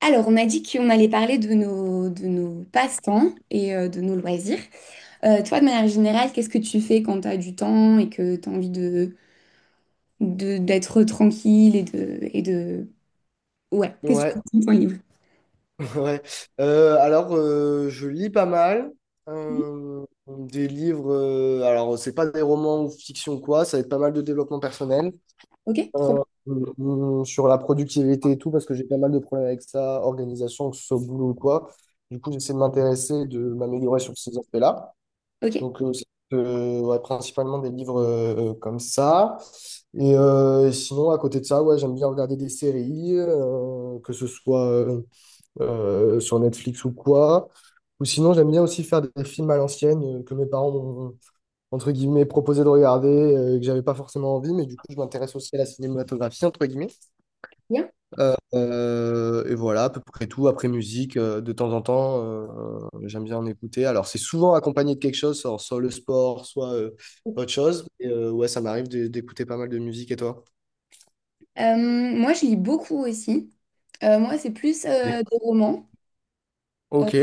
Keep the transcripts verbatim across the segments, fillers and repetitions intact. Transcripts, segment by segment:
Alors, on a dit qu'on allait parler de nos, de nos passe-temps et euh, de nos loisirs. Euh, toi, de manière générale, qu'est-ce que tu fais quand tu as du temps et que tu as envie de, de- d'être tranquille et de, et de... Ouais, qu'est-ce que Ouais, tu fais de ton livre? ouais. Euh, alors, euh, je lis pas mal euh, des livres. euh, alors, c'est pas des romans ou fiction ou quoi, ça va être pas mal de développement personnel Ok, trop euh, bien. euh, sur la productivité et tout, parce que j'ai pas mal de problèmes avec ça, organisation, que ce soit au boulot ou quoi. Du coup, j'essaie de m'intéresser, de m'améliorer sur ces aspects-là. Ok, Donc, euh, c'est, euh, ouais, principalement des livres euh, euh, comme ça. Et euh, sinon, à côté de ça, ouais, j'aime bien regarder des séries, euh, que ce soit euh, euh, sur Netflix ou quoi. Ou sinon, j'aime bien aussi faire des films à l'ancienne euh, que mes parents m'ont, entre guillemets, proposé de regarder, euh, que j'avais pas forcément envie, mais du coup, je m'intéresse aussi à la cinématographie, entre guillemets. bien. Euh, et voilà, à peu près tout. Après musique, euh, de temps en temps, euh, j'aime bien en écouter. Alors, c'est souvent accompagné de quelque chose, soit, soit le sport, soit euh, autre chose. Et, euh, ouais, ça m'arrive de- d'écouter pas mal de musique, et toi? Euh, moi, je lis beaucoup aussi. Euh, moi, c'est plus euh, des romans. Ok,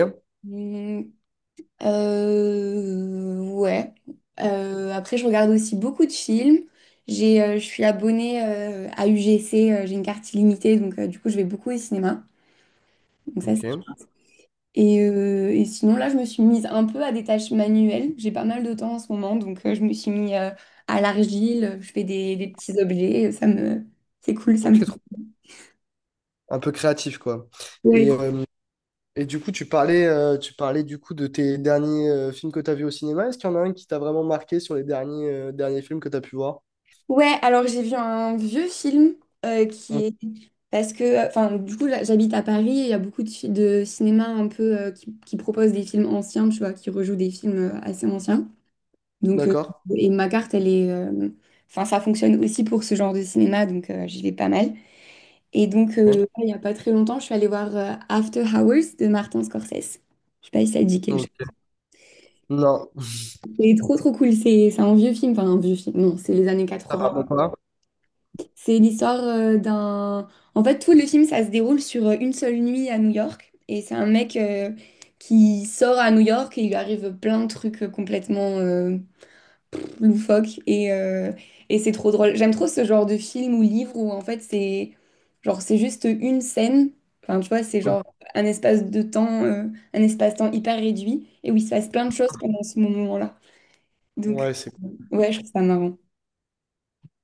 Euh, Euh, ouais. Euh, après, je regarde aussi beaucoup de films. J'ai, euh, je suis abonnée euh, à U G C, euh, j'ai une carte illimitée, donc euh, du coup, je vais beaucoup au cinéma. Donc ça, c'est- ok, et, euh, et sinon, là, je me suis mise un peu à des tâches manuelles. J'ai pas mal de temps en ce moment, donc euh, je me suis mise euh, à l'argile, je fais des, des petits objets, ça me... C'est cool, ça ok, me fait... trop- un peu créatif, quoi. Ouais, Et, euh, Et du coup, tu parlais, euh, tu parlais du coup de tes derniers euh, films que tu as vus au cinéma. Est-ce qu'il y en a un qui t'a vraiment marqué sur les derniers, euh, derniers films que tu as pu voir? Ouais, alors j'ai vu un vieux film euh, qui Mm. est parce que, enfin, du coup, là, j'habite à Paris et il y a beaucoup de, fi- de cinéma un peu euh, qui, qui proposent des films anciens, tu vois, qui rejouent des films euh, assez anciens. Donc, euh, D'accord. et ma carte, elle est, euh, enfin, ça fonctionne aussi pour ce genre de cinéma, donc euh, j'y vais pas mal. Et donc, Hein. euh, il n'y a pas très longtemps, je suis allée voir euh, After Hours de Martin Scorsese. Je sais pas si ça te dit quelque chose. Ok. Non, C'est trop trop cool. C'est c'est un vieux film, enfin un vieux film. Non, c'est les années ça quatre-vingts. va pas. C'est l'histoire euh, d'un... En fait, tout le film, ça se déroule sur euh, une seule nuit à New York. Et c'est un mec euh, qui sort à New York et il lui arrive plein de trucs euh, complètement euh, loufoques. Et, euh, et c'est trop drôle. J'aime trop ce genre de film ou livre où, en fait, c'est genre, c'est juste une scène. Enfin, tu vois, c'est Mm. genre un espace de temps, euh, un espace-temps hyper réduit et où il se passe plein de choses pendant ce moment-là. Donc, Ouais, c'est. ouais, je trouve ça marrant.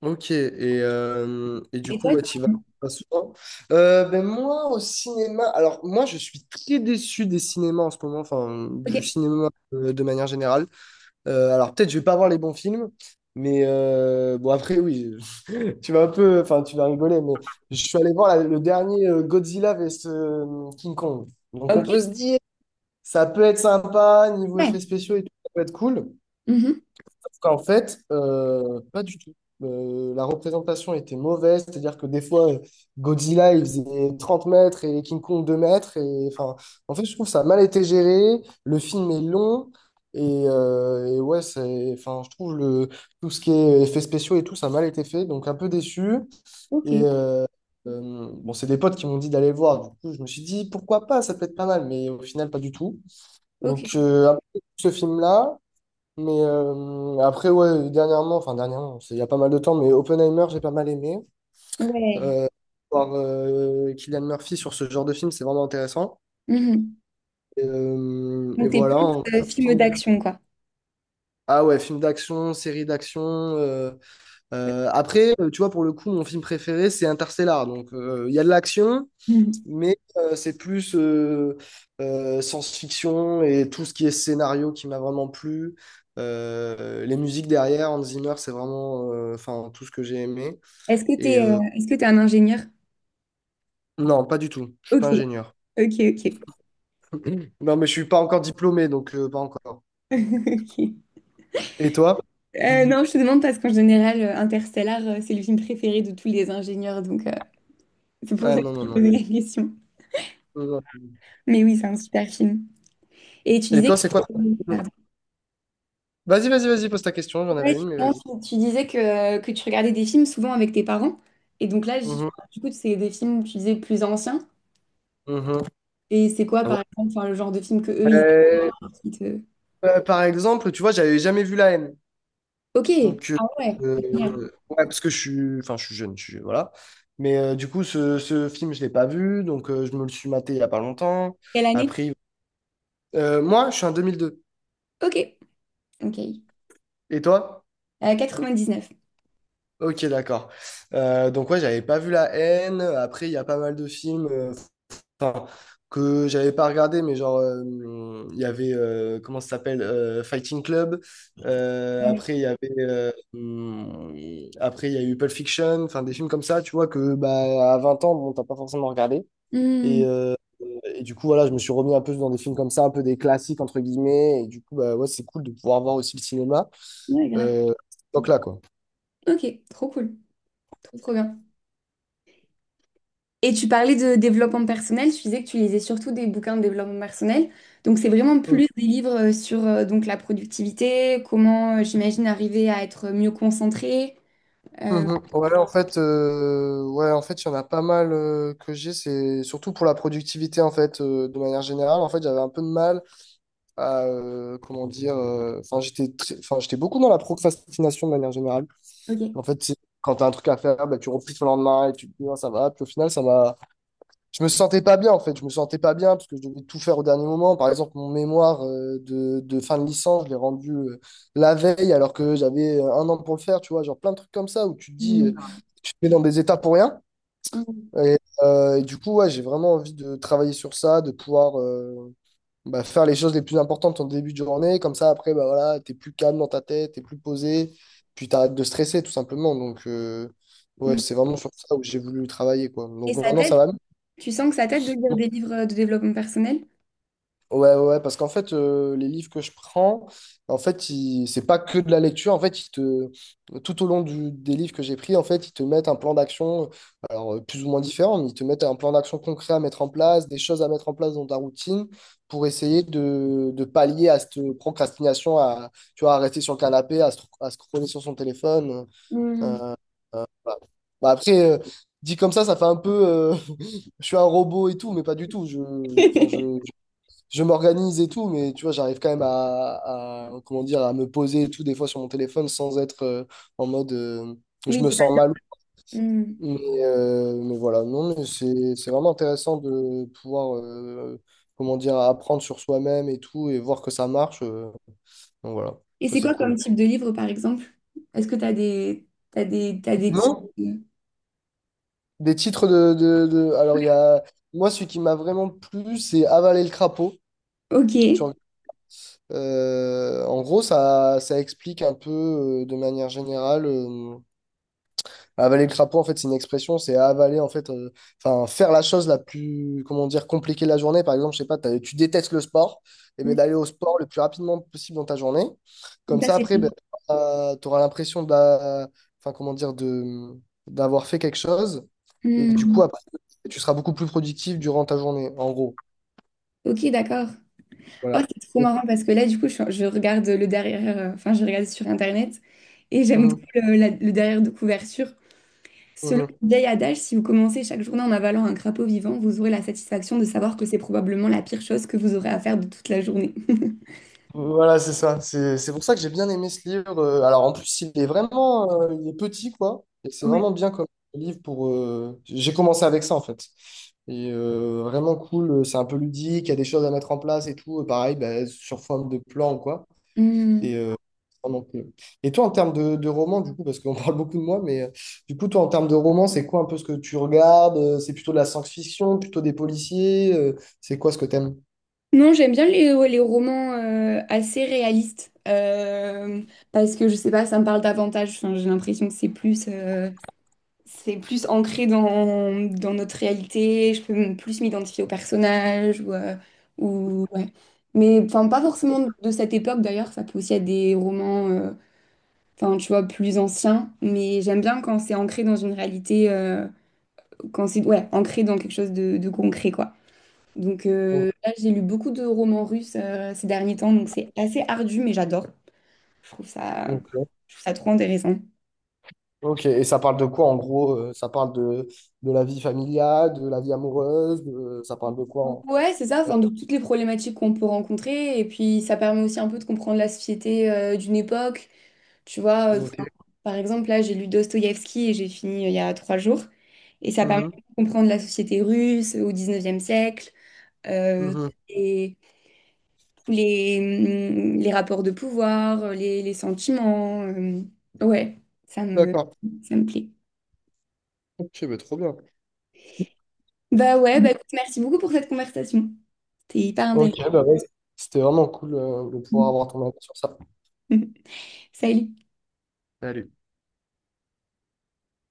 Ok, et, euh, et du Et coup, toi, ouais, tu- tu vas pas souvent. Euh, ben moi, au cinéma, alors moi, je suis très déçu des cinémas en ce moment, enfin, du ok. cinéma euh, de manière générale. Euh, alors, peut-être, je vais pas voir les bons films, mais euh, bon, après, oui. Tu vas un peu, enfin, tu vas rigoler, mais je suis allé voir la- le dernier euh, Godzilla vs euh, King Kong. Donc, on Ok. peut se dire, ça peut être sympa, niveau Ouais. effets spéciaux et tout, ça peut être cool. Mhm. Sauf qu'en fait, euh, pas du tout. Euh, la représentation était mauvaise, c'est-à-dire que des fois, euh, Godzilla, il faisait trente mètres et King Kong deux mètres. Et, enfin, en fait, je trouve que ça a mal été géré. Le film est long. Et, euh, et ouais, c'est, enfin, je trouve le, tout ce qui est effets spéciaux et tout, ça a mal été fait. Donc, un peu déçu. Ok. Et euh, euh, bon, c'est des potes qui m'ont dit d'aller le voir. Du coup, je me suis dit, pourquoi pas, ça peut être pas mal, mais au final, pas du tout. Ok, Donc, euh, un peu ce film-là. Mais euh, après, ouais, dernièrement, enfin, dernièrement, c'est il y a pas mal de temps, mais Oppenheimer, j'ai pas mal aimé. ouais. Euh, Voir euh, Cillian Murphy sur ce genre de film, c'est vraiment intéressant. Mhm. Et, euh, et Donc, t'es voilà. plus en- euh, film film- d'action, quoi. Ah ouais, film d'action, série d'action. euh, euh, Après, euh, tu vois, pour le coup, mon film préféré, c'est Interstellar. Donc, euh, il y a de l'action. Mhm. Mais euh, c'est plus euh, euh, science-fiction et tout ce qui est scénario qui m'a vraiment plu. Euh, les musiques derrière, Hans Zimmer, c'est vraiment euh, enfin, tout ce que j'ai aimé. Est-ce que Et t'es euh, euh, Est-ce que t'es un ingénieur? non, pas du tout. Je suis Ok, pas ingénieur. ok, ok. Non, mais je suis pas encore diplômé, donc euh, pas encore. Ok. Et toi? Euh, non, je te demande parce qu'en général, euh, Interstellar, euh, c'est le film préféré de tous les ingénieurs, donc euh, c'est pour Ah ça que non, non, je te non. posais la question. Non. Non. Mais oui, c'est un super film. Et tu Et disais toi, c'est quoi? que, ton- pardon. Vas-y, vas-y, vas-y, pose ta question. J'en avais Ouais, une, mais non, vas-y. tu tu disais que, que tu regardais des films souvent avec tes parents. Et donc là, j- Mhm, du coup, c'est des films, tu disais, plus anciens. mhm. Et c'est quoi, Ouais. par exemple, enfin, le genre de film que eux, ils Euh, apprécient. Euh, par exemple, tu vois, j'avais jamais vu La Haine. Ok, Donc, euh, ah ouais, génial. euh, ouais, parce que je suis, enfin, je suis jeune, je suis, voilà. Mais euh, du coup, ce, ce film, je l'ai pas vu, donc euh, je me le suis maté il y a pas longtemps. Quelle année? Après, euh, moi, je suis en deux mille deux. Ok, ok. Et toi? Euh, quatre-vingt-dix-neuf. Ok, d'accord. Euh, donc, ouais, j'avais pas vu La Haine. Après, il y a pas mal de films, euh, enfin, que j'avais pas regardé, mais genre, euh, il y avait, euh, comment ça s'appelle, euh, Fighting Club. Euh, Ouais. après, il y avait, euh, hum, après, il y a eu Pulp Fiction, enfin, des films comme ça, tu vois, que bah, à vingt ans, bon, t'as pas forcément regardé. Hmm, Et, euh, et du coup, voilà, je me suis remis un peu dans des films comme ça, un peu des classiques, entre guillemets. Et du coup, bah, ouais, c'est cool de pouvoir voir aussi le cinéma. ouais, grave. Euh, donc là, quoi. Ok, trop cool. Trop, trop bien. Et tu parlais de développement personnel, tu disais que tu lisais surtout des bouquins de développement personnel. Donc, c'est vraiment plus des livres euh, sur euh, donc, la productivité, comment, euh, j'imagine, arriver à être mieux concentré. Euh, Mhm. Ouais, en fait, euh, ouais, en fait, il y en a pas mal euh, que j'ai. C'est surtout pour la productivité, en fait, euh, de manière générale. En fait, j'avais un peu de mal à, euh, comment dire, euh, enfin, j'étais très- enfin, j'étais beaucoup dans la procrastination de manière générale. ok. En fait, c'est- quand tu as un truc à faire, bah, tu repousses au lendemain et tu te dis, Ah, ça va. Puis au final, ça m'a je me sentais pas bien en fait, je me sentais pas bien parce que je devais tout faire au dernier moment. Par exemple, mon mémoire euh, de, de fin de licence, je l'ai rendu euh, la veille alors que j'avais euh, un an pour le faire, tu vois, genre plein de trucs comme ça où tu te dis, euh, Hmm, tu te mets dans des états pour rien. hmm, Et, euh, et du coup, ouais, j'ai vraiment envie de travailler sur ça, de pouvoir euh, bah, faire les choses les plus importantes en début de journée. Comme ça, après, bah voilà, t'es plus calme dans ta tête, t'es plus posé, puis t'arrêtes de stresser tout simplement. Donc, euh, ouais, hmm. c'est vraiment sur ça où j'ai voulu travailler, quoi. Et Donc ça maintenant, t'aide? ça va mieux. Tu sens que ça t'aide de lire des livres euh, de développement personnel? Ouais, ouais, ouais, parce qu'en fait, euh, les livres que je prends, en fait, ils- c'est pas que de la lecture. En fait, ils te, tout au long du- des livres que j'ai pris, en fait, ils te mettent un plan d'action, alors euh, plus ou moins différent, mais ils te mettent un plan d'action concret à mettre en place, des choses à mettre en place dans ta routine pour essayer de, de pallier à cette procrastination, à, tu vois, à rester sur le canapé, à, se- à scroller sur son téléphone. euh, Hmm. Voilà. Bah, après, euh, dit comme ça, ça fait un peu, euh, je suis un robot et tout, mais pas du tout. Je, enfin, je, je m'organise et tout, mais tu vois, j'arrive quand même à, à- comment dire, à me poser et tout, des fois sur mon téléphone, sans être euh, en mode euh, je Oui, me c'est pas. sens mal. Mmh. Mais, euh, mais voilà, non, mais c'est, c'est vraiment intéressant de pouvoir, euh, comment dire, apprendre sur soi-même et tout, et voir que ça marche. euh. Donc voilà, Et ça c'est c'est quoi comme cool. type de livre, par exemple? Est-ce que t'as des, t'as des, t'as des types? Non? Des titres de, de, de- Alors, il y a. Moi, celui qui m'a vraiment plu, c'est Avaler le crapaud. Ok. Tu regardes. Euh, en gros, ça, ça explique un peu, euh, de manière générale. euh, Avaler le crapaud, en fait, c'est une expression, c'est avaler, en fait, euh, enfin, faire la chose la plus, comment dire, compliquée de la journée. Par exemple, je sais pas, t'as- tu détestes le sport, et bien Mm. d'aller au sport le plus rapidement possible dans ta journée. Comme Ça, ça, c'est... après, ben, tu auras l'impression d'a- enfin, comment dire, de, d'avoir fait quelque chose. Et du coup, Mm. après, tu seras beaucoup plus productif durant ta journée, en gros. Ok, d'accord. Oh, Voilà. c'est trop Et- marrant parce que là, du coup, je, je regarde le derrière, euh, enfin, je regarde sur Internet et j'aime trop Mhm, le, la- le derrière de couverture. Selon mhm. le vieil adage, si vous commencez chaque journée en avalant un crapaud vivant, vous aurez la satisfaction de savoir que c'est probablement la pire chose que vous aurez à faire de toute la journée. Voilà, c'est ça. C'est c'est pour ça que j'ai bien aimé ce livre. Euh, Alors, en plus, il est vraiment euh, il est petit, quoi. Et c'est Ouais. vraiment bien comme livre pour. Euh, J'ai commencé avec ça, en fait. Et euh, vraiment cool. euh, C'est un peu ludique. Il y a des choses à mettre en place et tout. Euh, Pareil, bah, sur forme de plan, quoi. Et, Hmm. euh, vraiment cool. Et toi, en termes de, de roman, du coup, parce qu'on parle beaucoup de moi, mais euh, du coup, toi, en termes de roman, c'est quoi un peu ce que tu regardes? Euh, C'est plutôt de la science-fiction, plutôt des policiers? Euh, c'est quoi ce que t'aimes? Non, j'aime bien les, ouais, les romans euh, assez réalistes euh, parce que je sais pas, ça me parle davantage. Enfin, j'ai l'impression que c'est plus, euh, c'est plus ancré dans, dans notre réalité. Je peux m- plus m'identifier au personnage ou, euh, ou ouais. Mais enfin, pas forcément de de cette époque d'ailleurs. Ça peut aussi être des romans, euh, enfin, tu vois, plus anciens. Mais j'aime bien quand c'est ancré dans une réalité, euh, quand c'est ouais, ancré dans quelque chose de, de concret, quoi. Donc euh, là, j'ai lu beaucoup de romans russes euh, ces derniers temps, donc c'est assez ardu, mais j'adore. Je trouve ça, Aimes je trouve ça trop intéressant. Ok, et ça parle de quoi en gros? euh, Ça parle de, de la vie familiale, de la vie amoureuse, de- euh, ça parle de quoi en... Ouais, c'est ça, enfin, de toutes les problématiques qu'on peut rencontrer, et puis ça permet aussi un peu de comprendre la société euh, d'une époque. Tu vois, euh, Ok. ça- par exemple, là, j'ai lu Dostoïevski et j'ai fini euh, il y a trois jours, et ça permet Mhm, de comprendre la société russe au dix-neuvième siècle, euh, mhm. les, mm, les rapports de pouvoir, euh, les, les sentiments. Euh, ouais, ça me, D'accord. ça me plaît. Ok, mais trop bien. Bah ouais, bah écoute, merci beaucoup pour cette conversation. C'était hyper Ok, intéressant. bah ouais, c'était vraiment cool euh, de pouvoir avoir ton avis sur ça. Salut. Salut.